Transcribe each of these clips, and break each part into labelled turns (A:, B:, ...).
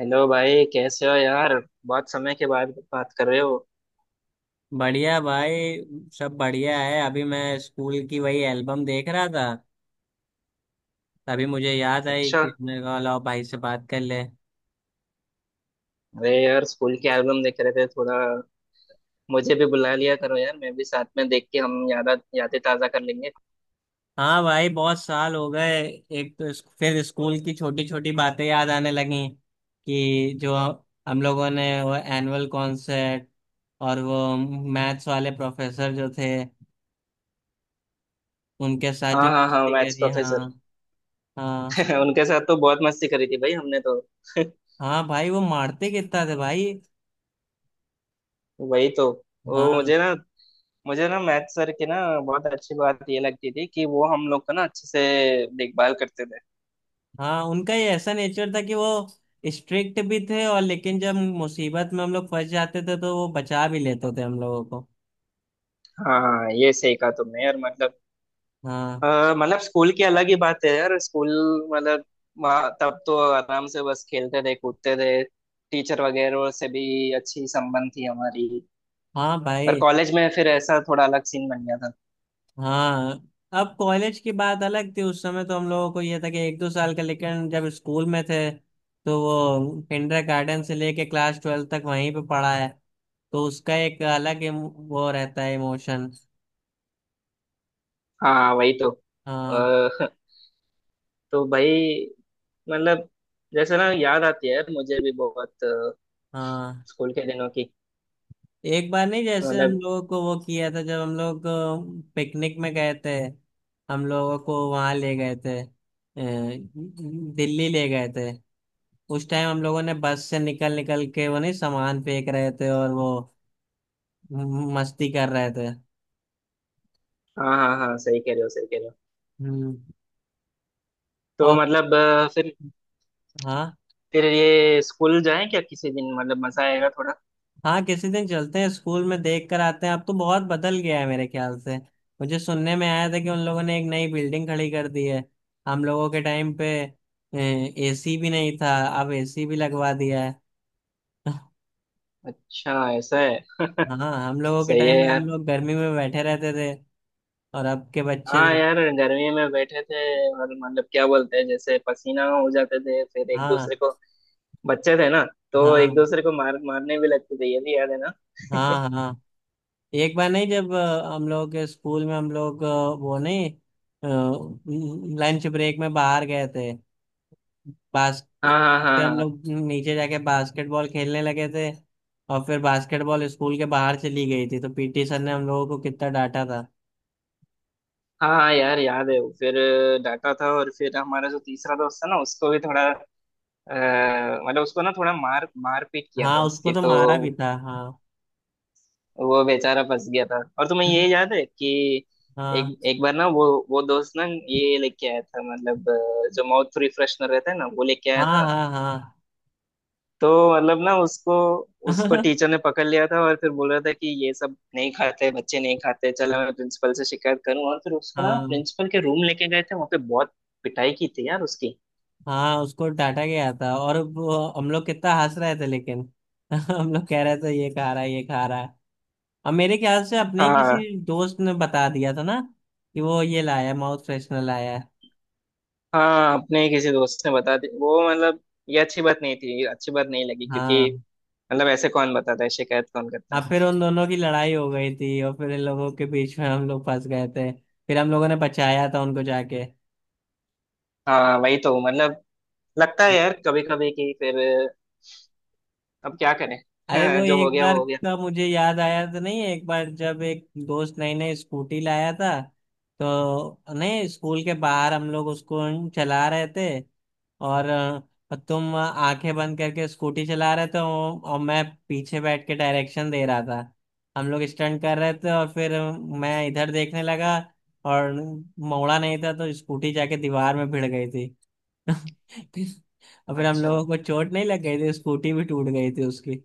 A: Hello भाई कैसे हो यार। बहुत समय के बाद बात कर रहे हो।
B: बढ़िया भाई। सब बढ़िया है। अभी मैं स्कूल की वही एल्बम देख रहा था। तभी मुझे याद आई
A: अच्छा।
B: कि मैंने कहा लाओ भाई से बात कर ले।
A: अरे यार स्कूल के एल्बम देख रहे थे थोड़ा। मुझे भी बुला लिया करो यार मैं भी साथ में देख के हम यादें ताजा कर लेंगे।
B: हाँ भाई, बहुत साल हो गए। एक तो फिर स्कूल की छोटी छोटी बातें याद आने लगी कि जो हम लोगों ने वो एनुअल कॉन्सर्ट और वो मैथ्स वाले प्रोफेसर जो थे उनके साथ जो
A: हाँ हाँ हाँ
B: मस्ती
A: मैथ्स
B: करी। हाँ
A: प्रोफेसर।
B: हाँ
A: उनके साथ तो बहुत मस्ती करी थी भाई हमने तो।
B: हाँ, भाई वो मारते कितना थे भाई।
A: वही तो। वो
B: हाँ,
A: मुझे ना मैथ सर की ना बहुत अच्छी बात ये लगती थी कि वो हम लोग का ना अच्छे से देखभाल करते थे।
B: हाँ उनका ये ऐसा नेचर था कि वो स्ट्रिक्ट भी थे और लेकिन जब मुसीबत में हम लोग फंस जाते थे तो वो बचा भी लेते थे हम लोगों को।
A: हाँ हाँ ये सही कहा तुमने यार मतलब।
B: हाँ
A: मतलब स्कूल की अलग ही बात है यार स्कूल। मतलब वहाँ तब तो आराम से बस खेलते थे कूदते थे। टीचर वगैरह से भी अच्छी संबंध थी हमारी।
B: हाँ
A: पर
B: भाई।
A: कॉलेज में फिर ऐसा थोड़ा अलग सीन बन गया था।
B: हाँ, अब कॉलेज की बात अलग थी। उस समय तो हम लोगों को ये था कि एक दो साल का, लेकिन जब स्कूल में थे तो वो किंडर गार्डन से लेके क्लास ट्वेल्थ तक वहीं पे पढ़ा है। तो उसका एक अलग वो रहता है इमोशन।
A: हाँ वही तो
B: हाँ
A: तो भाई मतलब जैसे ना याद आती है यार मुझे भी बहुत
B: हाँ।
A: स्कूल के दिनों की।
B: एक बार नहीं, जैसे हम
A: मतलब।
B: लोगों को वो किया था जब हम लोग पिकनिक में गए थे। हम लोगों को वहां ले गए थे, दिल्ली ले गए थे। उस टाइम हम लोगों ने बस से निकल निकल के वो नहीं सामान फेंक रहे थे और वो मस्ती कर रहे थे।
A: हाँ हाँ हाँ सही कह रहे हो सही कह रहे हो।
B: हम्म।
A: तो
B: और
A: मतलब फिर
B: हाँ।
A: ये स्कूल जाएं क्या किसी दिन मतलब मजा आएगा थोड़ा।
B: हाँ किसी दिन चलते हैं स्कूल में देख कर आते हैं। अब तो बहुत बदल गया है मेरे ख्याल से। मुझे सुनने में आया था कि उन लोगों ने एक नई बिल्डिंग खड़ी कर दी है। हम लोगों के टाइम पे एसी भी नहीं था। अब एसी भी लगवा दिया है।
A: अच्छा ऐसा है।
B: हाँ, हम लोगों के
A: सही
B: टाइम
A: है
B: में हम
A: यार।
B: लोग गर्मी में बैठे रहते थे। और अब के बच्चे
A: हाँ
B: देख।
A: यार गर्मी में बैठे थे। और मतलब क्या बोलते हैं जैसे पसीना हो जाते थे फिर एक
B: हाँ
A: दूसरे को। बच्चे थे ना। तो एक
B: हाँ
A: दूसरे को मार मारने भी लगते थे ये भी याद है ना।
B: हाँ हाँ। एक बार नहीं जब हम लोग के स्कूल में हम लोग वो नहीं लंच ब्रेक में बाहर गए थे
A: हाँ
B: बास्केट।
A: हाँ हाँ
B: फिर हम
A: हाँ।
B: लोग नीचे जाके बास्केटबॉल खेलने लगे थे और फिर बास्केटबॉल स्कूल के बाहर चली गई थी तो पीटी सर ने हम लोगों को कितना डांटा था।
A: हाँ हाँ यार याद है वो। फिर डांटा था और फिर हमारा जो तीसरा दोस्त था ना उसको भी थोड़ा मतलब उसको ना थोड़ा मार मार पीट किया था
B: हाँ उसको
A: उसकी
B: तो
A: तो।
B: मारा भी था। हाँ
A: वो बेचारा फंस गया था। और तुम्हें ये याद है कि
B: हाँ
A: एक एक बार ना वो दोस्त ना ये लेके आया था मतलब जो माउथ रिफ्रेशनर रहता है ना वो लेके
B: हाँ
A: आया था।
B: हाँ हाँ।
A: तो मतलब ना उसको उसको टीचर ने पकड़ लिया था और फिर बोल रहा था कि ये सब नहीं खाते बच्चे नहीं खाते चलो मैं प्रिंसिपल से शिकायत करूं। और फिर उसको ना
B: हाँ
A: प्रिंसिपल के रूम लेके गए थे वहां पे बहुत पिटाई की थी यार उसकी।
B: हाँ उसको डांटा गया था और हम लोग कितना हंस रहे थे लेकिन। हम लोग कह रहे थे ये खा रहा है ये खा रहा है। और मेरे ख्याल से अपने ही
A: हाँ
B: किसी दोस्त ने बता दिया था ना कि वो ये लाया माउथ फ्रेशनर लाया है।
A: हाँ अपने किसी दोस्त ने बता दी वो मतलब ये अच्छी बात नहीं थी अच्छी बात नहीं लगी क्योंकि
B: हाँ
A: मतलब ऐसे कौन बताता है शिकायत कौन करता
B: हाँ,
A: है।
B: फिर उन दोनों की लड़ाई हो गई थी और फिर इन लोगों के बीच में हम लोग फंस गए थे। फिर हम लोगों ने बचाया था उनको जाके।
A: हाँ वही तो मतलब लगता है यार कभी कभी कि फिर अब क्या करें।
B: अरे, वो
A: जो हो
B: एक
A: गया
B: बार
A: वो हो गया।
B: का मुझे याद आया तो नहीं, एक बार जब एक दोस्त नई नई स्कूटी लाया था तो नहीं स्कूल के बाहर हम लोग उसको चला रहे थे। और तुम आंखें बंद करके स्कूटी चला रहे थे और मैं पीछे बैठ के डायरेक्शन दे रहा था। हम लोग स्टंट कर रहे थे और फिर मैं इधर देखने लगा। और मोड़ा नहीं था तो स्कूटी जाके दीवार में भिड़ गई थी। फिर और फिर हम
A: अच्छा।
B: लोगों को चोट नहीं लग गई थी। स्कूटी भी टूट गई थी उसकी।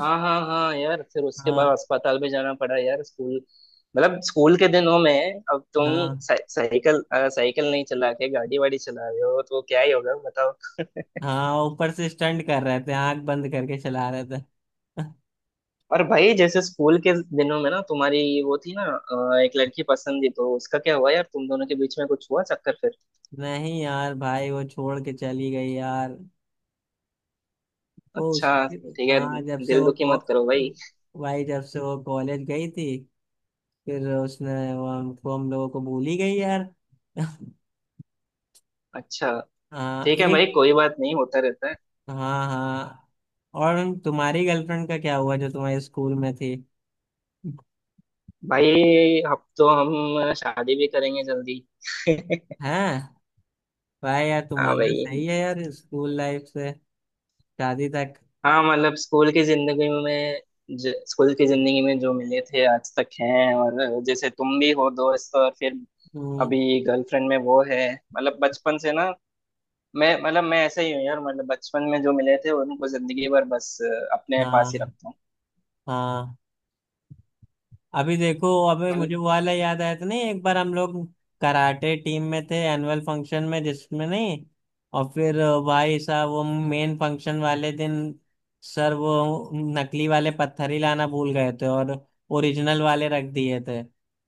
A: हाँ हाँ हाँ यार फिर उसके बाद
B: हाँ
A: अस्पताल भी जाना पड़ा यार स्कूल। मतलब स्कूल के दिनों में अब तुम
B: हाँ
A: साइकिल नहीं चला के गाड़ी वाड़ी चला रहे हो तो क्या ही होगा बताओ।
B: हाँ, ऊपर से स्टंट कर रहे थे, आंख बंद करके चला रहे थे।
A: और भाई जैसे स्कूल के दिनों में ना तुम्हारी वो थी ना एक लड़की पसंद थी तो उसका क्या हुआ यार तुम दोनों के बीच में कुछ हुआ चक्कर फिर।
B: नहीं यार भाई, वो छोड़ के चली गई यार। वो उस।
A: अच्छा ठीक है।
B: हाँ, जब से
A: दिल
B: वो
A: दुखी
B: को-
A: मत करो भाई।
B: भाई जब से वो कॉलेज गई थी फिर उसने वो हमको हम लोगों को भूल ही गई यार।
A: अच्छा
B: हाँ
A: ठीक है भाई
B: एक।
A: कोई बात नहीं होता रहता है।
B: हाँ हाँ। और तुम्हारी गर्लफ्रेंड का क्या हुआ जो तुम्हारे स्कूल में थी?
A: भाई अब तो हम शादी भी करेंगे जल्दी।
B: हैं? भाई यार
A: हाँ
B: तुम्हारा
A: भाई।
B: सही है यार, स्कूल लाइफ से शादी तक।
A: हाँ मतलब स्कूल की जिंदगी में स्कूल की जिंदगी में जो मिले थे आज तक हैं और जैसे तुम भी हो दोस्त और फिर
B: हम्म,
A: अभी गर्लफ्रेंड में वो है। मतलब बचपन से ना मैं मतलब मैं ऐसा ही हूँ यार मतलब बचपन में जो मिले थे उनको जिंदगी भर बस अपने पास ही
B: हाँ
A: रखता हूँ।
B: हाँ। अभी देखो अबे,
A: मतलब।
B: मुझे वो वाला याद आया था नहीं, एक बार हम लोग कराटे टीम में थे एनुअल फंक्शन में जिसमें नहीं। और फिर भाई साहब, वो मेन फंक्शन वाले दिन सर वो नकली वाले पत्थर ही लाना भूल गए थे और ओरिजिनल वाले रख दिए थे।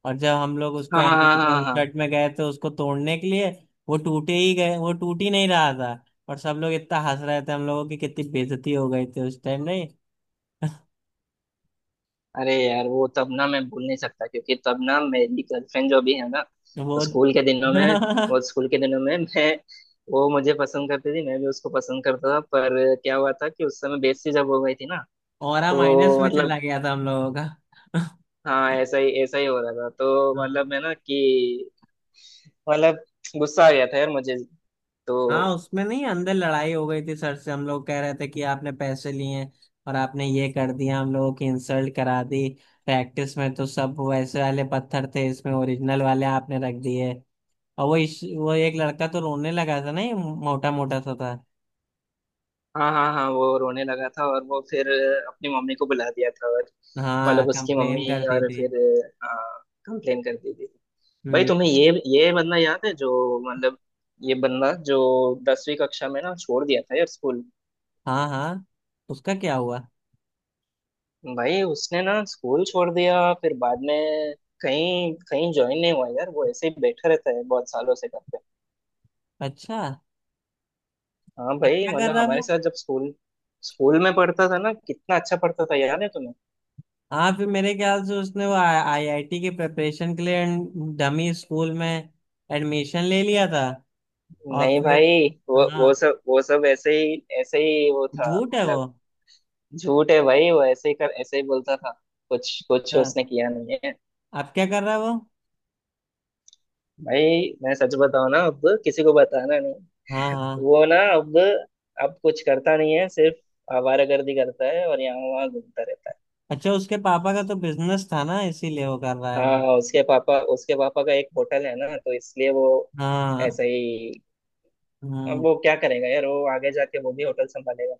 B: और जब हम लोग उसको
A: हाँ हाँ
B: एनुअल
A: हाँ हाँ।
B: कॉन्सर्ट में गए थे उसको तोड़ने के लिए वो टूटे ही गए, वो टूट ही नहीं रहा था। और सब लोग इतना हंस रहे थे, हम लोगों की कितनी बेइज्जती हो गई थी उस टाइम नहीं।
A: अरे यार वो तब ना मैं भूल नहीं सकता क्योंकि तब ना मेरी गर्लफ्रेंड जो भी है ना। तो
B: वो।
A: स्कूल के दिनों में वो स्कूल के दिनों में मैं वो मुझे पसंद करती थी मैं भी उसको पसंद करता था पर क्या हुआ था कि उस समय बेइज्जती जब हो गई थी ना।
B: औरा माइनस
A: तो
B: में चला
A: मतलब।
B: गया था हम लोगों का।
A: हाँ ऐसा ही हो रहा था तो मतलब
B: हाँ
A: मैं ना कि मतलब गुस्सा आ गया था यार मुझे।
B: हाँ,
A: तो।
B: उसमें नहीं अंदर लड़ाई हो गई थी सर से। हम लोग कह रहे थे कि आपने पैसे लिए हैं और आपने ये कर दिया हम लोगों की इंसल्ट करा दी। प्रैक्टिस में तो सब वैसे वाले पत्थर थे इसमें ओरिजिनल वाले आपने रख दिए। और वो एक लड़का तो रोने लगा था ना, ये मोटा मोटा सा था।
A: हाँ हाँ हाँ वो रोने लगा था और वो फिर अपनी मम्मी को बुला दिया था और
B: हाँ
A: मतलब उसकी मम्मी
B: कंप्लेन करती
A: और
B: थी।
A: फिर कंप्लेन कर दी थी। भाई
B: हम्म।
A: तुम्हें ये बंदा याद है जो मतलब ये बंदा जो दसवीं कक्षा में ना छोड़ दिया था यार स्कूल।
B: हाँ हाँ, उसका क्या हुआ?
A: भाई उसने ना स्कूल छोड़ दिया फिर बाद में कहीं कहीं ज्वाइन नहीं हुआ यार वो ऐसे ही बैठा रहता है बहुत सालों से घर पे।
B: अच्छा,
A: हाँ
B: अब
A: भाई
B: क्या कर
A: मतलब
B: रहा है?
A: हमारे साथ जब स्कूल स्कूल में पढ़ता था ना कितना अच्छा पढ़ता था याद है तुम्हें।
B: हाँ फिर मेरे ख्याल से उसने वो आईआईटी की प्रिपरेशन के लिए डमी स्कूल में एडमिशन ले लिया था। और
A: नहीं
B: फिर।
A: भाई
B: हाँ,
A: वो सब ऐसे ही वो था।
B: झूठ है वो।
A: मतलब झूठ है भाई वो ऐसे ही कर ऐसे ही बोलता था कुछ कुछ
B: हाँ,
A: उसने किया नहीं है।
B: अब क्या कर रहा है वो?
A: भाई मैं सच बताऊं ना अब किसी को बताना नहीं।
B: हाँ हाँ।
A: वो ना अब कुछ करता नहीं है सिर्फ आवारागर्दी करता है और यहाँ वहाँ घूमता रहता है।
B: अच्छा, उसके पापा का तो बिजनेस था ना इसीलिए वो कर रहा है।
A: हाँ हाँ, उसके पापा का एक होटल है ना तो इसलिए वो
B: हाँ,
A: ऐसा ही। अब
B: हम्म
A: वो क्या करेगा यार वो आगे जाके वो भी होटल संभालेगा।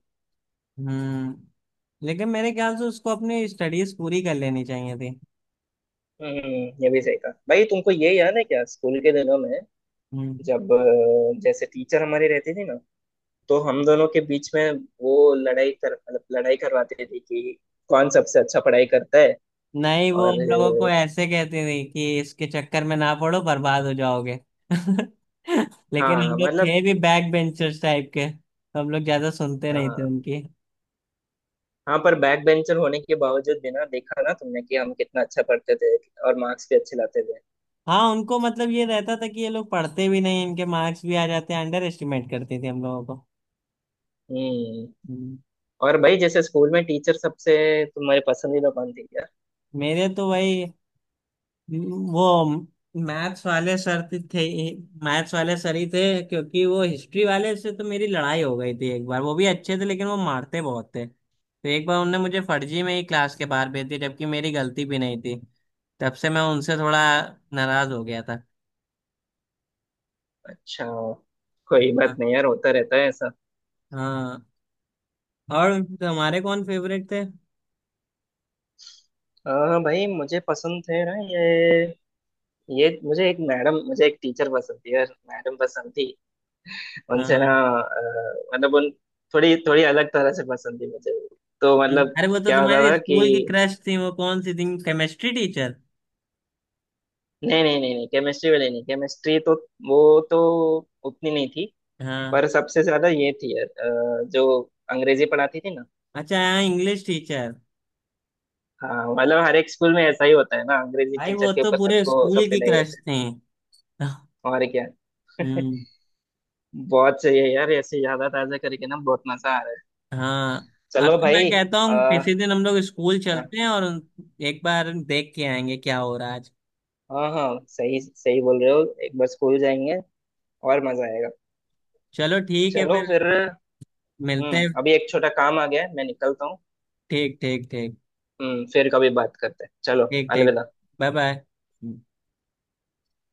B: हम्म। लेकिन मेरे ख्याल से उसको अपनी स्टडीज पूरी कर लेनी चाहिए थी।
A: ये भी सही कहा भाई। तुमको ये याद है क्या स्कूल के दिनों में
B: हम्म।
A: जब जैसे टीचर हमारे रहते थे ना तो हम दोनों के बीच में वो लड़ाई कर मतलब लड़ाई करवाते थे कि कौन सबसे अच्छा पढ़ाई करता है।
B: नहीं, वो
A: और
B: हम लोगों को
A: अ,
B: ऐसे कहती थी कि इसके चक्कर में ना पड़ो बर्बाद हो जाओगे। लेकिन हम
A: हाँ
B: लोग
A: मतलब।
B: थे भी बैक बेंचर्स टाइप के तो हम लोग ज्यादा सुनते नहीं थे
A: हाँ
B: उनकी।
A: हाँ पर बैक बेंचर होने के बावजूद भी ना देखा ना तुमने कि हम कितना अच्छा पढ़ते थे और मार्क्स भी अच्छे लाते थे।
B: हाँ उनको मतलब ये रहता था कि ये लोग पढ़ते भी नहीं इनके मार्क्स भी आ जाते हैं, अंडर एस्टिमेट करती थी हम लोगों को।
A: हम्म।
B: हम्म।
A: और भाई जैसे स्कूल में टीचर सबसे तुम्हारे पसंदीदा कौन थी यार।
B: मेरे तो वही वो मैथ्स वाले सर थे मैथ्स वाले सर ही थे। क्योंकि वो हिस्ट्री वाले से तो मेरी लड़ाई हो गई थी एक बार। वो भी अच्छे थे लेकिन वो मारते बहुत थे तो एक बार उनने मुझे फर्जी में ही क्लास के बाहर भेज दिया जबकि मेरी गलती भी नहीं थी। तब से मैं उनसे थोड़ा नाराज हो गया था।
A: अच्छा कोई बात
B: हाँ
A: नहीं यार होता रहता है ऐसा।
B: हाँ। और तुम्हारे कौन फेवरेट थे?
A: हाँ भाई मुझे पसंद थे ना ये। ये मुझे एक मैडम मुझे एक टीचर पसंद थी यार मैडम पसंद थी। उनसे ना
B: हाँ
A: मतलब उन थोड़ी थोड़ी अलग तरह से पसंद थी मुझे। तो मतलब
B: अरे वो तो
A: क्या होता
B: तुम्हारी
A: था कि
B: स्कूल की क्रश थी, वो कौन सी थी, केमिस्ट्री टीचर?
A: नहीं नहीं नहीं नहीं केमिस्ट्री वाली नहीं। केमिस्ट्री तो वो तो उतनी नहीं थी।
B: हाँ
A: पर सबसे ज्यादा ये थी यार जो अंग्रेजी पढ़ाती थी ना।
B: अच्छा, हाँ इंग्लिश टीचर।
A: हाँ मतलब हर एक स्कूल में ऐसा ही होता है ना अंग्रेजी
B: भाई
A: टीचर
B: वो
A: के
B: तो
A: ऊपर
B: पूरे
A: सबको सब
B: स्कूल की
A: फिदा ही
B: क्रश
A: रहते
B: थी।
A: हैं और क्या।
B: हम्म।
A: बहुत सही है यार ऐसे यादा ताजा करके ना बहुत मजा आ रहा है।
B: हाँ, अब
A: चलो
B: तो मैं
A: भाई।
B: कहता हूँ किसी दिन हम लोग स्कूल
A: आ,
B: चलते हैं और एक बार देख के आएंगे क्या हो रहा है आज।
A: हाँ हाँ सही सही बोल रहे हो एक बार स्कूल जाएंगे और मजा आएगा।
B: चलो ठीक है
A: चलो
B: फिर।
A: फिर।
B: मिलते हैं।
A: अभी एक छोटा काम आ गया है मैं निकलता हूँ।
B: ठीक ठीक ठीक।
A: फिर कभी बात करते हैं चलो।
B: ठीक ठीक।
A: अलविदा।
B: Bye bye.